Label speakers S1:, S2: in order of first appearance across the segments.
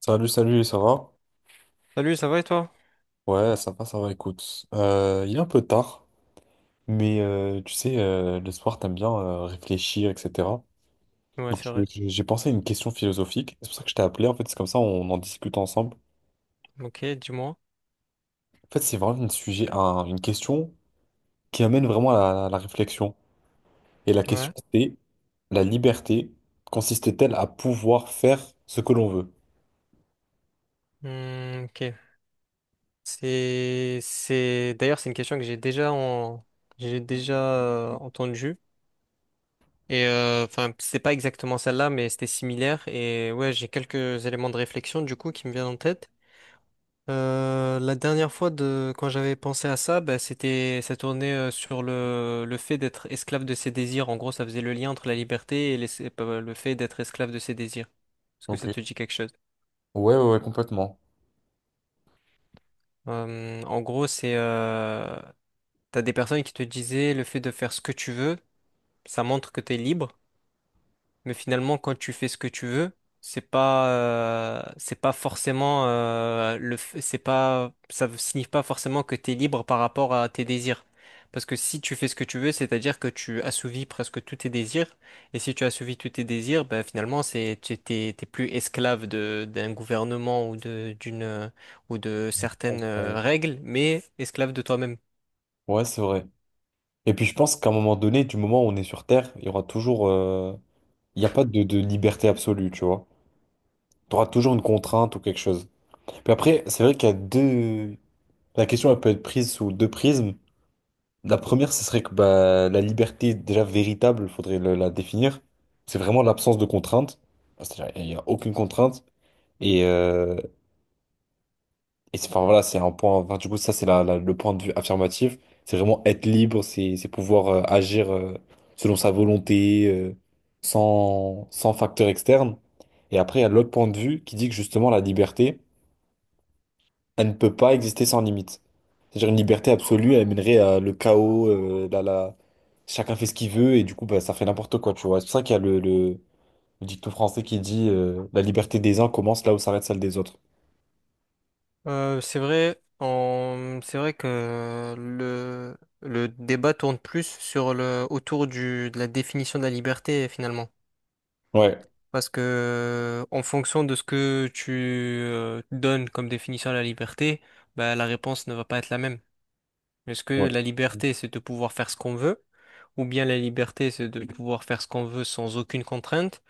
S1: Salut, salut, ça va?
S2: Salut, ça va et toi?
S1: Ouais, ça va, écoute. Il est un peu tard, mais tu sais, le soir, t'aimes bien réfléchir, etc.
S2: Ouais,
S1: Donc,
S2: c'est vrai.
S1: j'ai pensé à une question philosophique. C'est pour ça que je t'ai appelé, en fait, c'est comme ça, on en discute ensemble.
S2: Ok, dis-moi.
S1: En fait, c'est vraiment un sujet, une question qui amène vraiment à la réflexion. Et la question,
S2: Ouais.
S1: c'est la liberté consiste-t-elle à pouvoir faire ce que l'on veut?
S2: Hmm, ok. C'est, c'est. D'ailleurs, c'est une question que j'ai déjà entendue. Enfin, c'est pas exactement celle-là, mais c'était similaire. Et ouais, j'ai quelques éléments de réflexion du coup qui me viennent en tête. La dernière fois de quand j'avais pensé à ça, bah, ça tournait sur le fait d'être esclave de ses désirs. En gros, ça faisait le lien entre la liberté et le fait d'être esclave de ses désirs. Est-ce que
S1: Ok.
S2: ça te dit quelque chose?
S1: Ouais, ouais, ouais, complètement.
S2: En gros, c'est t'as des personnes qui te disaient le fait de faire ce que tu veux, ça montre que t'es libre. Mais finalement, quand tu fais ce que tu veux, c'est pas forcément, le, f- c'est pas, ça ne signifie pas forcément que tu es libre par rapport à tes désirs. Parce que si tu fais ce que tu veux, c'est-à-dire que tu assouvis presque tous tes désirs. Et si tu assouvis tous tes désirs, ben finalement, t'es plus esclave d'un gouvernement ou de certaines règles, mais esclave de toi-même.
S1: Ouais, c'est vrai. Et puis je pense qu'à un moment donné, du moment où on est sur Terre, il y aura toujours... il n'y a pas de liberté absolue, tu vois. Tu auras toujours une contrainte ou quelque chose. Puis après, c'est vrai qu'il y a deux... La question, elle peut être prise sous deux prismes. La première, ce serait que bah, la liberté déjà véritable, il faudrait la définir. C'est vraiment l'absence de contrainte. Enfin, c'est-à-dire, il n'y a aucune contrainte. Et, euh, Et c'est, enfin voilà, c'est un point. Enfin, du coup, ça, c'est le point de vue affirmatif. C'est vraiment être libre, c'est pouvoir agir selon sa volonté, sans facteur externe. Et après, il y a l'autre point de vue qui dit que justement, la liberté, elle ne peut pas exister sans limite. C'est-à-dire une liberté absolue, elle mènerait à le chaos, chacun fait ce qu'il veut, et du coup, bah, ça fait n'importe quoi, tu vois. C'est pour ça qu'il y a le dicton français qui dit la liberté des uns commence là où s'arrête celle des autres.
S2: C'est vrai que le débat tourne plus sur de la définition de la liberté finalement.
S1: Ouais,
S2: Parce que en fonction de ce que tu donnes comme définition à la liberté, bah, la réponse ne va pas être la même. Est-ce que
S1: ouais.
S2: la liberté, c'est de pouvoir faire ce qu'on veut, ou bien la liberté, c'est de pouvoir faire ce qu'on veut sans aucune contrainte?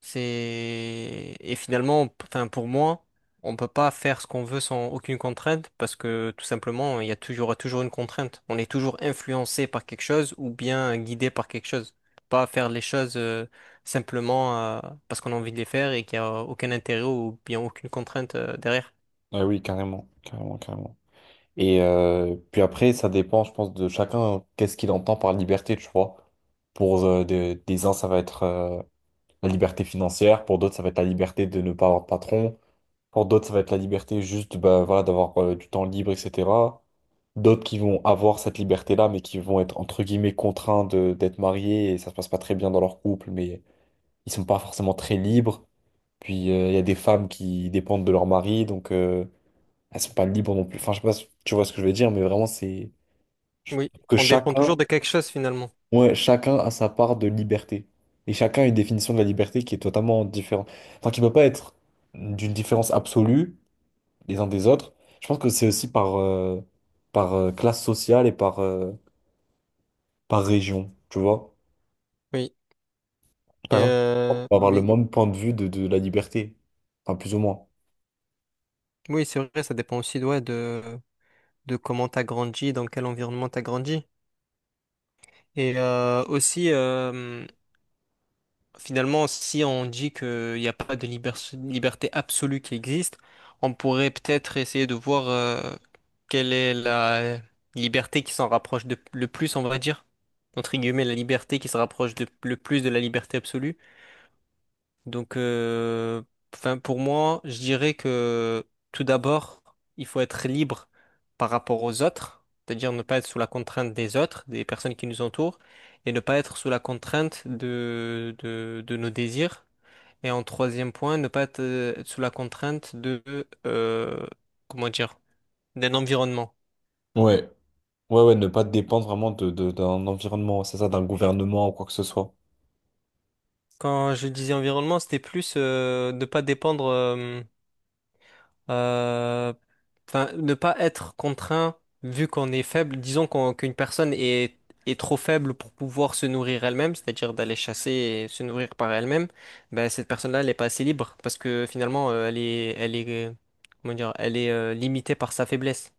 S2: C'est et finalement, p- enfin pour moi, on peut pas faire ce qu'on veut sans aucune contrainte parce que tout simplement, il y aura toujours une contrainte. On est toujours influencé par quelque chose ou bien guidé par quelque chose. Pas faire les choses simplement parce qu'on a envie de les faire et qu'il n'y a aucun intérêt ou bien aucune contrainte derrière.
S1: Ouais, oui, carrément, carrément, carrément. Et puis après, ça dépend, je pense, de chacun, qu'est-ce qu'il entend par liberté, tu vois. Pour des uns, ça va être la liberté financière, pour d'autres, ça va être la liberté de ne pas avoir de patron, pour d'autres, ça va être la liberté juste bah, voilà, d'avoir du temps libre, etc. D'autres qui vont avoir cette liberté-là, mais qui vont être, entre guillemets, contraints d'être mariés, et ça se passe pas très bien dans leur couple, mais ils sont pas forcément très libres. Puis il y a des femmes qui dépendent de leur mari, donc... elles sont pas libres non plus. Enfin, je sais pas si tu vois ce que je veux dire, mais vraiment, c'est je
S2: Oui,
S1: trouve que
S2: on dépend
S1: chacun,
S2: toujours de quelque chose finalement.
S1: ouais, chacun a sa part de liberté. Et chacun a une définition de la liberté qui est totalement différente. Enfin, qui peut pas être d'une différence absolue les uns des autres. Je pense que c'est aussi par classe sociale et par région, tu vois.
S2: Oui. Et,
S1: Par exemple, on
S2: euh,
S1: va avoir le
S2: mais
S1: même point de vue de la liberté. Enfin, plus ou moins.
S2: oui, c'est vrai, ça dépend aussi ouais, de comment t'as grandi, dans quel environnement t'as grandi. Et euh, aussi, euh, finalement, si on dit qu'il n'y a pas de liberté absolue qui existe, on pourrait peut-être essayer de voir quelle est la liberté qui s'en rapproche le plus, on va dire, entre guillemets, la liberté qui se rapproche le plus de la liberté absolue. Donc, euh, pour moi, je dirais que tout d'abord, il faut être libre par rapport aux autres, c'est-à-dire ne pas être sous la contrainte des autres, des personnes qui nous entourent, et ne pas être sous la contrainte de nos désirs. Et en troisième point, ne pas être sous la contrainte euh, comment dire, d'un environnement.
S1: Ouais. Ouais, ouais, ne pas dépendre vraiment d'un environnement, c'est ça, d'un gouvernement ou quoi que ce soit.
S2: Quand je disais environnement, c'était plus ne pas dépendre. Euh, ne pas être contraint vu qu'on est faible. Disons qu'une personne est trop faible pour pouvoir se nourrir elle-même, c'est-à-dire d'aller chasser et se nourrir par elle-même. Ben, cette personne-là, elle n'est pas assez libre parce que finalement, comment dire, elle est limitée par sa faiblesse.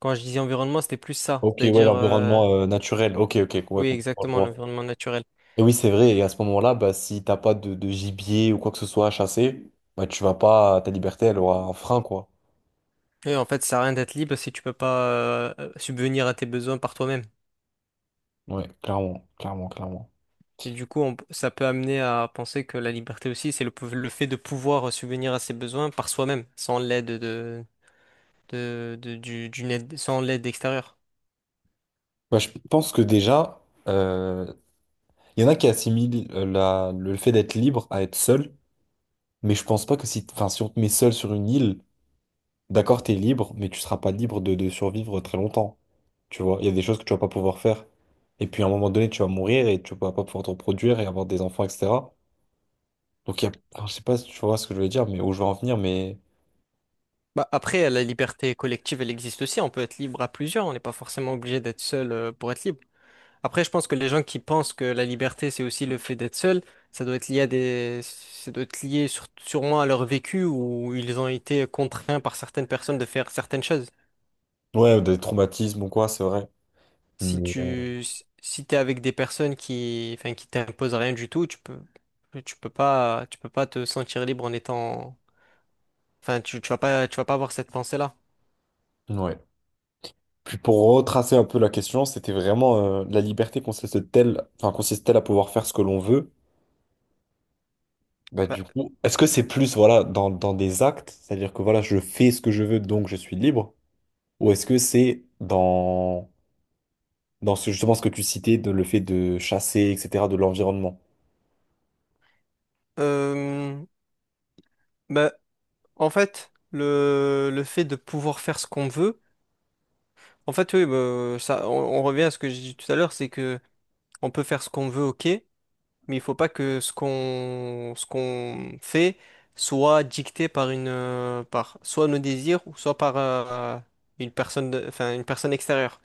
S2: Quand je disais environnement, c'était plus ça,
S1: Ok, ouais, l'environnement naturel. Ok, ok, ouais,
S2: oui,
S1: complètement, je
S2: exactement,
S1: vois.
S2: l'environnement naturel.
S1: Et oui, c'est vrai, et à ce moment-là, bah, si t'as pas de gibier ou quoi que ce soit à chasser, bah, tu vas pas, ta liberté, elle aura un frein, quoi.
S2: Et en fait, ça sert à rien d'être libre si tu peux pas subvenir à tes besoins par toi-même.
S1: Ouais, clairement, clairement, clairement.
S2: Et du coup, ça peut amener à penser que la liberté aussi, le fait de pouvoir subvenir à ses besoins par soi-même, sans l'aide d'une aide, sans l'aide extérieure.
S1: Bah, je pense que déjà, euh, il y en a qui assimilent le fait d'être libre à être seul, mais je pense pas que si, enfin, si on te met seul sur une île, d'accord, t'es libre, mais tu seras pas libre de survivre très longtemps. Tu vois, il y a des choses que tu vas pas pouvoir faire. Et puis à un moment donné, tu vas mourir et tu vas pas pouvoir te reproduire et avoir des enfants, etc. Donc il y a, alors, je sais pas si tu vois ce que je veux dire, mais où je veux en venir, mais
S2: Bah, après, la liberté collective, elle existe aussi. On peut être libre à plusieurs. On n'est pas forcément obligé d'être seul pour être libre. Après, je pense que les gens qui pensent que la liberté, c'est aussi le fait d'être seul, ça doit être lié à ça doit être lié sûrement à leur vécu où ils ont été contraints par certaines personnes de faire certaines choses.
S1: ouais, des traumatismes ou quoi, c'est vrai.
S2: Si
S1: Mais
S2: tu si t'es avec des personnes qui t'imposent rien du tout, tu peux pas te sentir libre en étant tu vas pas avoir cette pensée-là.
S1: ouais. Puis pour retracer un peu la question, c'était vraiment la liberté consiste-t-elle, enfin consiste-t-elle à pouvoir faire ce que l'on veut? Bah
S2: Bah,
S1: du coup, est-ce que c'est plus voilà dans des actes, c'est-à-dire que voilà, je fais ce que je veux, donc je suis libre, ou est-ce que c'est dans ce, justement ce que tu citais, de le fait de chasser, etc., de l'environnement.
S2: euh, bah, en fait le fait de pouvoir faire ce qu'on veut, en fait oui bah, on revient à ce que j'ai dit tout à l'heure, c'est que on peut faire ce qu'on veut, OK, mais il faut pas que ce qu'on fait soit dicté par une par soit nos désirs ou soit par une personne extérieure.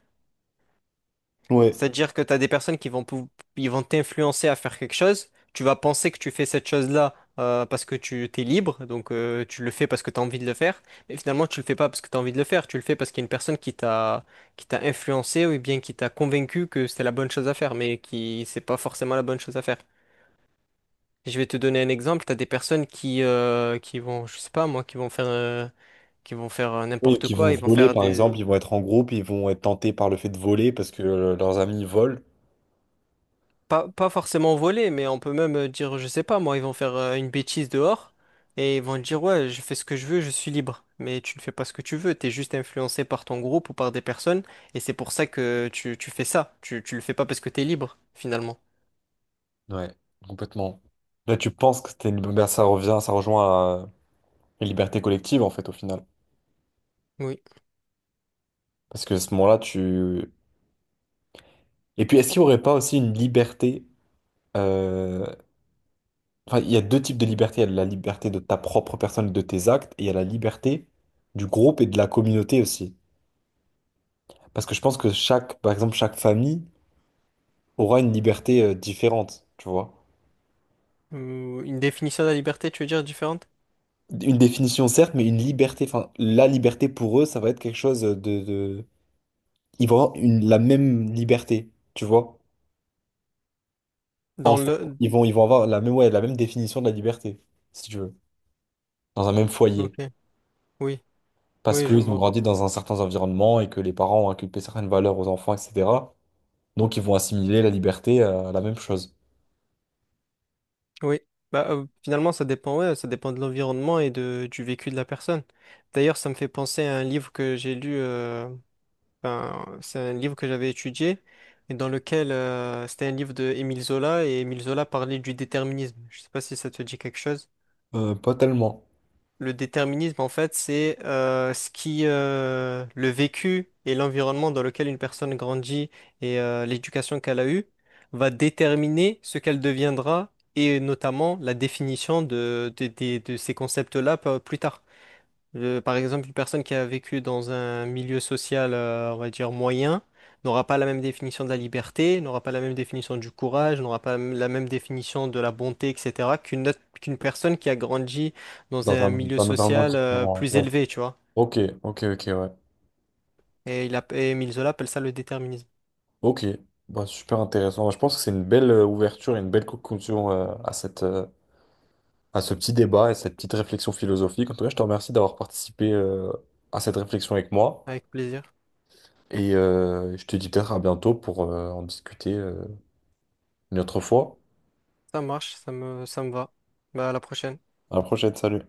S1: Ouais.
S2: C'est-à-dire que tu as des personnes ils vont t'influencer à faire quelque chose, tu vas penser que tu fais cette chose-là parce que tu t'es libre, donc tu le fais parce que tu as envie de le faire, mais finalement tu le fais pas parce que tu as envie de le faire, tu le fais parce qu'il y a une personne qui t'a influencé ou bien qui t'a convaincu que c'était la bonne chose à faire mais qui c'est pas forcément la bonne chose à faire. Je vais te donner un exemple. T'as des personnes qui vont, je sais pas moi, qui vont faire
S1: Oui,
S2: n'importe
S1: qui vont
S2: quoi. Ils vont
S1: voler,
S2: faire
S1: par
S2: des,
S1: exemple, ils vont être en groupe, ils vont être tentés par le fait de voler parce que leurs amis volent.
S2: pas, pas forcément voler, mais on peut même dire, je sais pas moi, ils vont faire une bêtise dehors et ils vont te dire, ouais, je fais ce que je veux, je suis libre. Mais tu ne fais pas ce que tu veux. T'es juste influencé par ton groupe ou par des personnes et c'est pour ça que tu fais ça. Tu le fais pas parce que t'es libre finalement.
S1: Ouais, complètement. Là, tu penses que c'était une... ben, ça revient, ça rejoint à une liberté collective, en fait, au final.
S2: Oui.
S1: Parce que à ce moment-là, tu... Et puis, est-ce qu'il n'y aurait pas aussi une liberté... euh, enfin, il y a deux types de liberté. Il y a la liberté de ta propre personne, et de tes actes, et il y a la liberté du groupe et de la communauté aussi. Parce que je pense que chaque, par exemple, chaque famille aura une liberté différente, tu vois.
S2: Ou une définition de la liberté, tu veux dire différente?
S1: Une définition, certes, mais une liberté. Enfin, la liberté pour eux, ça va être quelque chose de... Ils vont avoir une, la même liberté, tu vois.
S2: Dans
S1: Ensemble,
S2: le,
S1: ils vont avoir la même, ouais, la même définition de la liberté, si tu veux, dans un même foyer.
S2: ok. Oui.
S1: Parce
S2: Oui, je
S1: qu'ils ont
S2: vois.
S1: grandi dans un certain environnement et que les parents ont inculqué certaines valeurs aux enfants, etc. Donc, ils vont assimiler la liberté à la même chose.
S2: Oui, finalement, ça dépend, ouais, ça dépend de l'environnement et du vécu de la personne. D'ailleurs, ça me fait penser à un livre que j'ai lu, ben, c'est un livre que j'avais étudié, et dans lequel c'était un livre de Émile Zola, et Émile Zola parlait du déterminisme. Je sais pas si ça te dit quelque chose.
S1: Pas tellement.
S2: Le déterminisme, en fait, le vécu et l'environnement dans lequel une personne grandit et l'éducation qu'elle a eue va déterminer ce qu'elle deviendra et notamment la définition de ces concepts-là plus tard. Par exemple, une personne qui a vécu dans un milieu social, on va dire moyen, n'aura pas la même définition de la liberté, n'aura pas la même définition du courage, n'aura pas la même définition de la bonté, etc., qu'une personne qui a grandi dans un milieu
S1: Dans un environnement
S2: social,
S1: différent.
S2: plus
S1: Ouais.
S2: élevé, tu vois.
S1: Ok, ok, ok, ouais.
S2: Et Émile Zola appelle ça le déterminisme.
S1: Ok, bah, super intéressant. Bah, je pense que c'est une belle ouverture et une belle conclusion à ce petit débat et cette petite réflexion philosophique. En tout cas, je te remercie d'avoir participé à cette réflexion avec moi.
S2: Avec plaisir.
S1: Et je te dis peut-être à bientôt pour en discuter une autre fois.
S2: Ça marche, ça me va. Bah, à la prochaine.
S1: À la prochaine, salut.